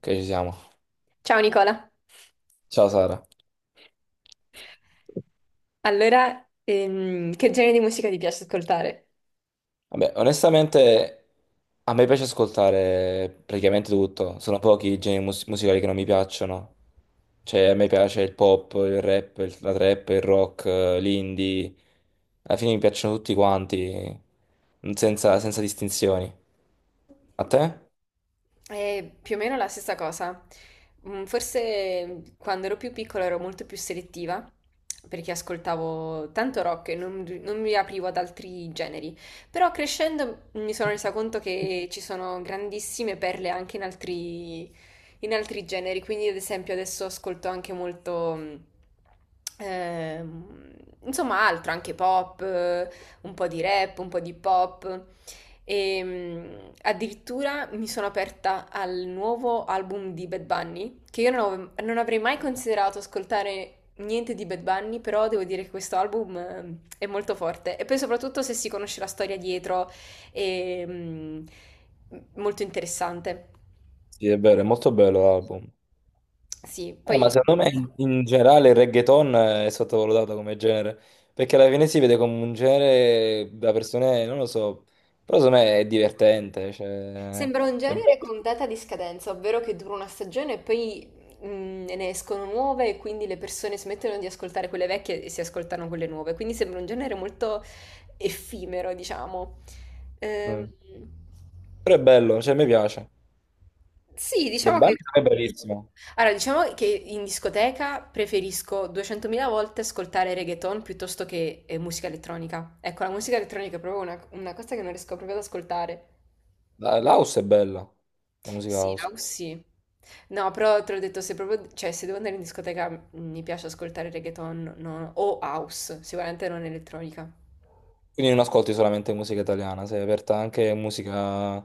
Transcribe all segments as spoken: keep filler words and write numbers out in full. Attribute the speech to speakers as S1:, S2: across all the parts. S1: Ok, ci siamo.
S2: Ciao Nicola,
S1: Ciao Sara.
S2: allora ehm, che genere di musica ti piace ascoltare?
S1: Vabbè, onestamente a me piace ascoltare praticamente tutto. Sono pochi i generi mus- musicali che non mi piacciono. Cioè, a me piace il pop, il rap, il- la trap, il rock, eh, l'indie. Alla fine mi piacciono tutti quanti, senza, senza distinzioni. A te?
S2: È più o meno la stessa cosa. Mm, forse quando ero più piccola ero molto più selettiva perché ascoltavo tanto rock e non, non mi aprivo ad altri generi. Però crescendo mi sono resa conto che ci sono grandissime perle anche in altri, in altri generi. Quindi, ad esempio, adesso ascolto anche molto. mm, ehm, Insomma, altro, anche pop, eh, un po' di rap, un po' di pop. E mh, addirittura mi sono aperta al nuovo album di Bad Bunny, che io non, avevo- non avrei mai considerato ascoltare niente di Bad Bunny, però devo dire che questo album eh, è molto forte. E poi soprattutto se si conosce la storia dietro, è mh, molto interessante.
S1: Sì, è vero, è molto bello l'album.
S2: Sì,
S1: Eh, ma
S2: poi
S1: secondo me
S2: comunque.
S1: in, in generale il reggaeton è sottovalutato come genere, perché alla fine si vede come un genere da persone, non lo so, però secondo me è divertente, cioè,
S2: Sembra un
S1: è
S2: genere
S1: bello.
S2: con data di scadenza, ovvero che dura una stagione e poi mm, Ne escono nuove e quindi le persone smettono di ascoltare quelle vecchie e si ascoltano quelle nuove. Quindi sembra un genere molto effimero, diciamo. Ehm,
S1: Mm. Però è bello, cioè, mi piace.
S2: sì,
S1: Bad
S2: diciamo
S1: Bunny
S2: che...
S1: è bellissimo.
S2: Allora, diciamo che in discoteca preferisco duecentomila volte ascoltare reggaeton piuttosto che eh, musica elettronica. Ecco, la musica elettronica è proprio una, una cosa che non riesco proprio ad ascoltare.
S1: La- l'house è bella, la musica
S2: Sì,
S1: house.
S2: Laus sì. No, però te l'ho detto, se proprio, cioè, se devo andare in discoteca mh, mi piace ascoltare reggaeton no, o house, sicuramente non elettronica.
S1: Quindi non ascolti solamente musica italiana, sei aperta anche a musica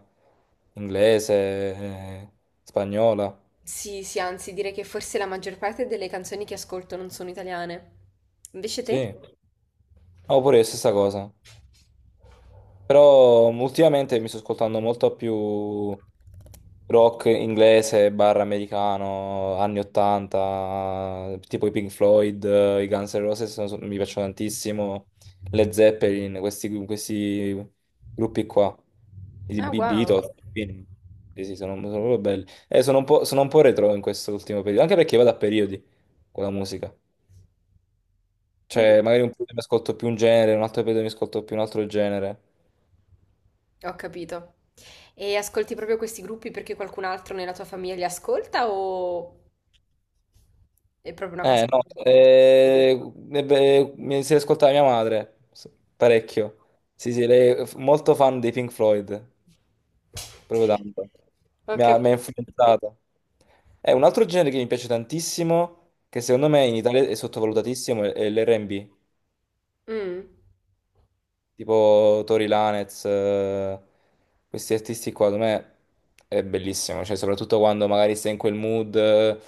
S1: inglese, eh, spagnola,
S2: Sì, sì, anzi, direi che forse la maggior parte delle canzoni che ascolto non sono italiane. Invece te?
S1: sì. No, pure è la stessa cosa. Però mm, ultimamente mi sto ascoltando molto più rock inglese, barra americano, anni ottanta, tipo i Pink Floyd, eh, i Guns N' Roses sono- sono- mi piacciono tantissimo, Led Zeppelin, questi, questi gruppi qua, i
S2: Ah,
S1: Be-
S2: wow.
S1: Beatles, quindi- sì, sì, sono, sono proprio belli. E sono un po', sono un po' retro in questo ultimo periodo, anche perché vado a periodi con la musica.
S2: Mm,
S1: Cioè, magari un periodo mi ascolto più un genere, un altro periodo mi ascolto più un altro genere.
S2: ho capito. E ascolti proprio questi gruppi perché qualcun altro nella tua famiglia li ascolta o è proprio una cosa
S1: Eh,
S2: che
S1: no,
S2: fai da te?
S1: eh, eh, beh, mi si ascoltava mia madre, s- parecchio. Sì, sì, lei è f- molto fan dei Pink Floyd, proprio tanto.
S2: Ho
S1: Mi ha, mi ha
S2: capito.
S1: influenzato. È un altro genere che mi piace tantissimo, che secondo me in Italia è sottovalutatissimo, è è l'R e B.
S2: Mm.
S1: Tipo Tori Lanez, eh, questi artisti qua, secondo me è bellissimo, cioè soprattutto quando magari sei in quel mood, eh,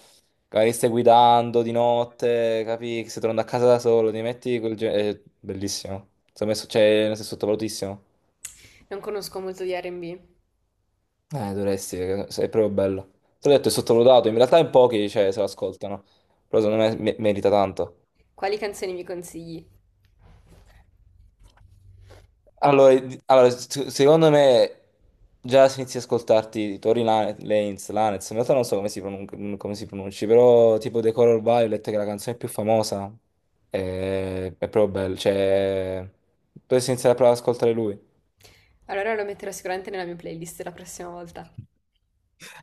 S1: magari stai guidando di notte, capi che stai tornando a casa da solo, ti metti quel genere, è bellissimo, secondo me so- cioè, nel senso, è sottovalutissimo.
S2: Non conosco molto di R and B.
S1: Eh, dovresti, perché è proprio bello, te l'ho detto è sottovalutato, in realtà in pochi cioè, se lo ascoltano, però secondo me me- merita tanto.
S2: Quali canzoni mi consigli?
S1: Allora, di- allora, s- secondo me già si inizia a ascoltarti Tori Lane- Lanez, Lanez, in realtà non so come si, pronun- come si pronunci, però tipo The Color Violet, che è la canzone più famosa. È, è proprio bello, cioè dovresti iniziare a provare ad ascoltare lui.
S2: Allora lo metterò sicuramente nella mia playlist la prossima volta.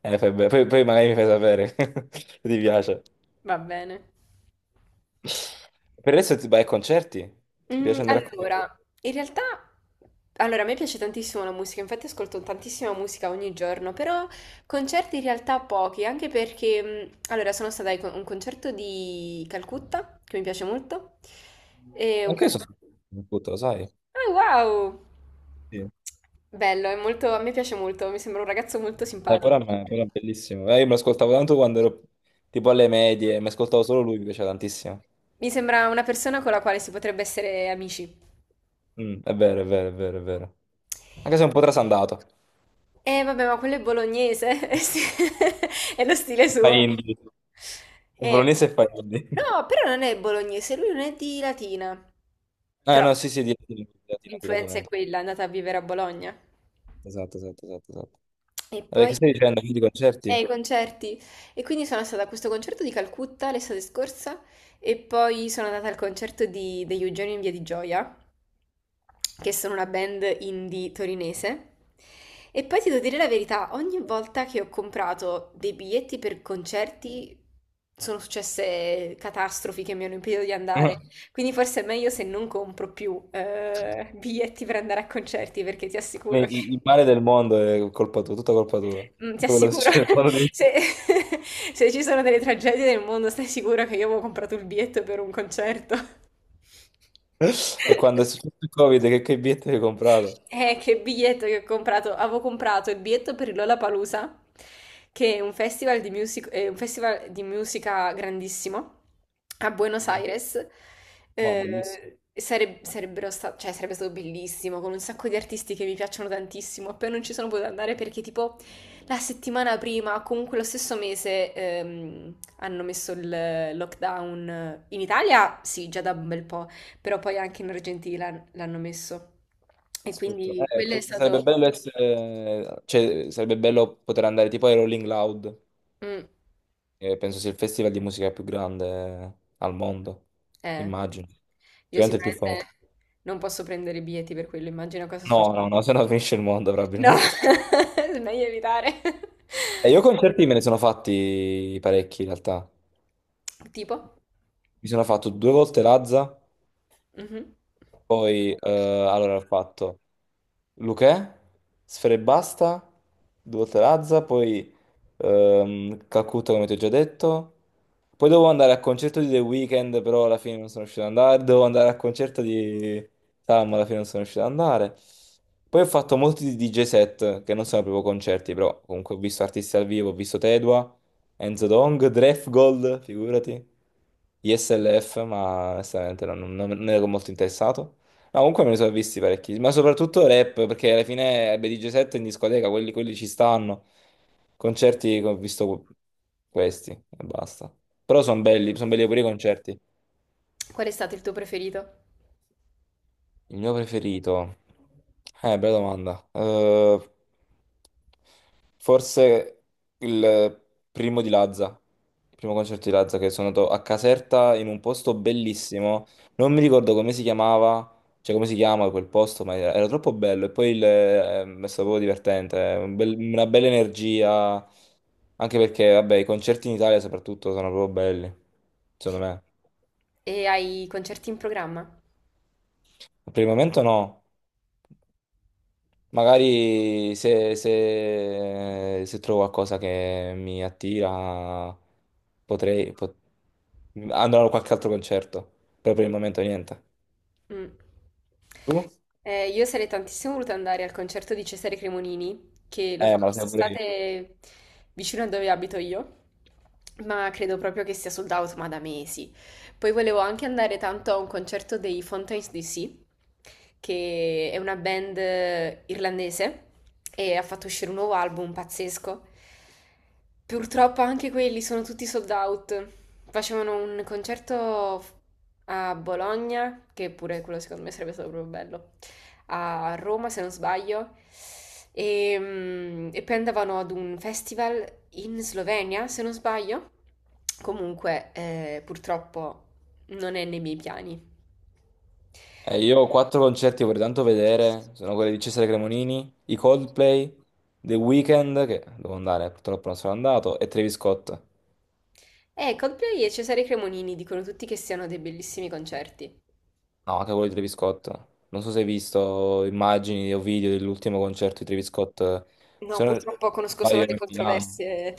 S1: Eh, fai bene. Poi, poi magari mi fai sapere se ti piace.
S2: Va bene.
S1: Per adesso ti vai ai concerti? Ti
S2: Mm,
S1: piace andare a concerti?
S2: allora, in realtà, allora, a me piace tantissimo la musica, infatti ascolto tantissima musica ogni giorno, però concerti in realtà pochi, anche perché, mm, allora, sono stata a un concerto di Calcutta, che mi piace molto, e un
S1: Anche io
S2: cal-
S1: sono tutto, lo sai?
S2: Ah, wow!
S1: Sì.
S2: Bello, è molto, a me piace molto, mi sembra un ragazzo molto
S1: Eh,
S2: simpatico.
S1: Coran è Coran è bellissimo. Eh, io me lo ascoltavo tanto quando ero tipo alle medie, mi ascoltavo solo lui, mi piaceva tantissimo.
S2: Mi sembra una persona con la quale si potrebbe essere amici.
S1: Mm, è vero, è vero, è vero, è vero. Anche se è un po' trasandato.
S2: Eh vabbè, ma quello è bolognese, è sti- è lo stile
S1: Fa
S2: suo.
S1: indie. Il
S2: Eh,
S1: Bolognese fa indie.
S2: no, però non è bolognese, lui non è di Latina.
S1: Ah,
S2: Però
S1: no,
S2: vabbè,
S1: sì, sì, di Latina, di Latina, di Latina.
S2: l'influenza è
S1: di-
S2: quella, è andata a vivere a Bologna.
S1: Esatto, esatto, esatto, esatto.
S2: E
S1: Vabbè,
S2: poi
S1: che stai dicendo? Quindi
S2: eh,
S1: concerti?
S2: i concerti. E quindi sono stata a questo concerto di Calcutta l'estate scorsa e poi sono andata al concerto di- degli Eugenio in Via di Gioia, che sono una band indie torinese. E poi ti devo dire la verità, ogni volta che ho comprato dei biglietti per concerti sono successe catastrofi che mi hanno impedito di andare. Quindi forse è meglio se non compro più eh, biglietti per andare a concerti, perché ti assicuro
S1: Il,
S2: che...
S1: il male del mondo è colpa tua, tutta colpa tua.
S2: Mm, ti
S1: Tutto quello che
S2: assicuro,
S1: succede nel mondo di-
S2: se, se ci sono delle tragedie nel mondo, stai sicuro che io avevo comprato il biglietto per un concerto?
S1: E quando è successo il Covid, che, che biglietti hai comprato?
S2: Eh, che biglietto che ho comprato. Avevo comprato il biglietto per il Lollapalooza, che è un festival di music- è un festival di musica grandissimo a Buenos
S1: Mm.
S2: Aires.
S1: No, bellissimo.
S2: Eh, sareb- sarebbero sta- cioè, sarebbe stato bellissimo, con un sacco di artisti che mi piacciono tantissimo. Poi non ci sono potuta andare perché tipo la settimana prima, o comunque lo stesso mese, ehm, hanno messo il lockdown. In Italia, sì, già da un bel po', però poi anche in Argentina l'hanno messo. E
S1: Sfortunato.
S2: quindi
S1: Eh,
S2: quello è stato...
S1: sarebbe bello essere, cioè, sarebbe bello poter andare tipo ai Rolling Loud,
S2: Mm,
S1: che penso sia il festival di musica più grande al mondo,
S2: eh,
S1: immagino.
S2: io
S1: Sicuramente il più famoso.
S2: sicuramente non posso prendere i biglietti per quello, immagino cosa
S1: No,
S2: succede.
S1: no, no, se no finisce il mondo
S2: No,
S1: probabilmente.
S2: è meglio evitare.
S1: E io concerti me ne sono fatti parecchi in realtà.
S2: Tipo?
S1: Mi sono fatto due volte Lazza,
S2: Mhm.
S1: poi eh, allora ho fatto Luchè, Sfera e Basta, due volte Lazza, poi ehm, Calcutta come ti ho già detto. Poi devo andare al concerto di The Weeknd, però alla fine non sono riuscito ad andare. Devo andare al concerto di Sam, alla fine non sono riuscito ad andare. Poi ho fatto molti D J set, che non sono proprio concerti, però comunque ho visto artisti al vivo, ho visto Tedua, Enzo Dong, Gold, figurati, I S L F, ma onestamente non, non, non ero molto interessato. Ma comunque me ne sono visti parecchi, ma soprattutto rap, perché alla fine D J set in discoteca, quelli, quelli ci stanno. Concerti che ho visto questi e basta. Però sono belli, sono belli pure i concerti.
S2: Qual è stato il tuo preferito?
S1: Il mio preferito? Eh, bella domanda. Ehm, Forse il primo di Lazza, il primo concerto di Lazza che sono andato a Caserta in un posto bellissimo, non mi ricordo come si chiamava, cioè come si chiama quel posto, ma era, era troppo bello e poi il- ehm, è stato proprio divertente, eh. Un bel- una bella energia, anche perché vabbè i concerti in Italia soprattutto sono proprio belli, secondo me.
S2: E hai concerti in programma?
S1: Per il momento no. Magari se, se- se trovo qualcosa che mi attira, potrei pot- andrò a qualche altro concerto. Però per il momento niente.
S2: Mm.
S1: Tu?
S2: Eh, io sarei tantissimo voluta andare al concerto di Cesare Cremonini, che lo
S1: Eh,
S2: fa
S1: ma lo sai pure io.
S2: quest'estate vicino a dove abito io, ma credo proprio che sia sold out, ma da mesi. Poi volevo anche andare tanto a un concerto dei Fountains D C, che è una band eh, irlandese e ha fatto uscire un nuovo album pazzesco. Purtroppo anche quelli sono tutti sold out. Facevano un concerto a Bologna, che pure quello secondo me sarebbe stato proprio bello a Roma, se non sbaglio, e, mm, e poi andavano ad un festival in Slovenia, se non sbaglio. Comunque, eh, purtroppo non è nei miei piani.
S1: Eh, io ho quattro concerti che vorrei tanto vedere. Sono quelli di Cesare Cremonini, i Coldplay, The Weeknd, che devo andare, purtroppo non sono andato, e Travis Scott. No,
S2: Eh, Coldplay e Cesare Cremonini dicono tutti che siano dei bellissimi concerti.
S1: anche quello di Travis Scott. Non so se hai visto immagini o video dell'ultimo concerto di Travis Scott.
S2: No,
S1: Se non
S2: purtroppo conosco solo
S1: sbaglio
S2: le
S1: era a Milano.
S2: controversie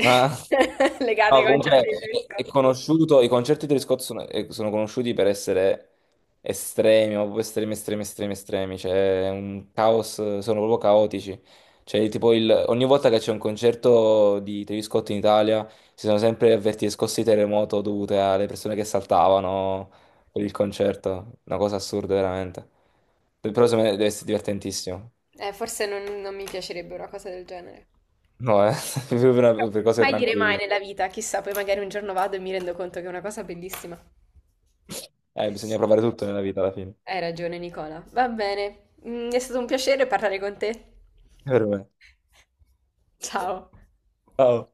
S1: Ma
S2: legate
S1: no,
S2: ai concerti
S1: comunque
S2: di Travis
S1: è, è
S2: Scott.
S1: conosciuto, i concerti di Travis Scott sono, eh, sono conosciuti per essere estremi, ma proprio estremi, estremi, estremi, estremi, cioè è un caos, sono proprio caotici. Cioè, tipo il- ogni volta che c'è un concerto di Travis Scott in Italia si sono sempre avvertite scosse di terremoto dovute alle persone che saltavano per il concerto, una cosa assurda veramente. Però secondo me deve essere divertentissimo.
S2: Eh, forse non non mi piacerebbe una cosa del genere.
S1: No, eh, per, per cose
S2: Mai dire mai
S1: tranquille.
S2: nella vita, chissà, poi magari un giorno vado e mi rendo conto che è una cosa bellissima.
S1: Eh, bisogna provare tutto nella vita alla fine.
S2: Hai ragione, Nicola. Va bene. Mm, è stato un piacere parlare con te.
S1: Per me.
S2: Ciao.
S1: Ciao.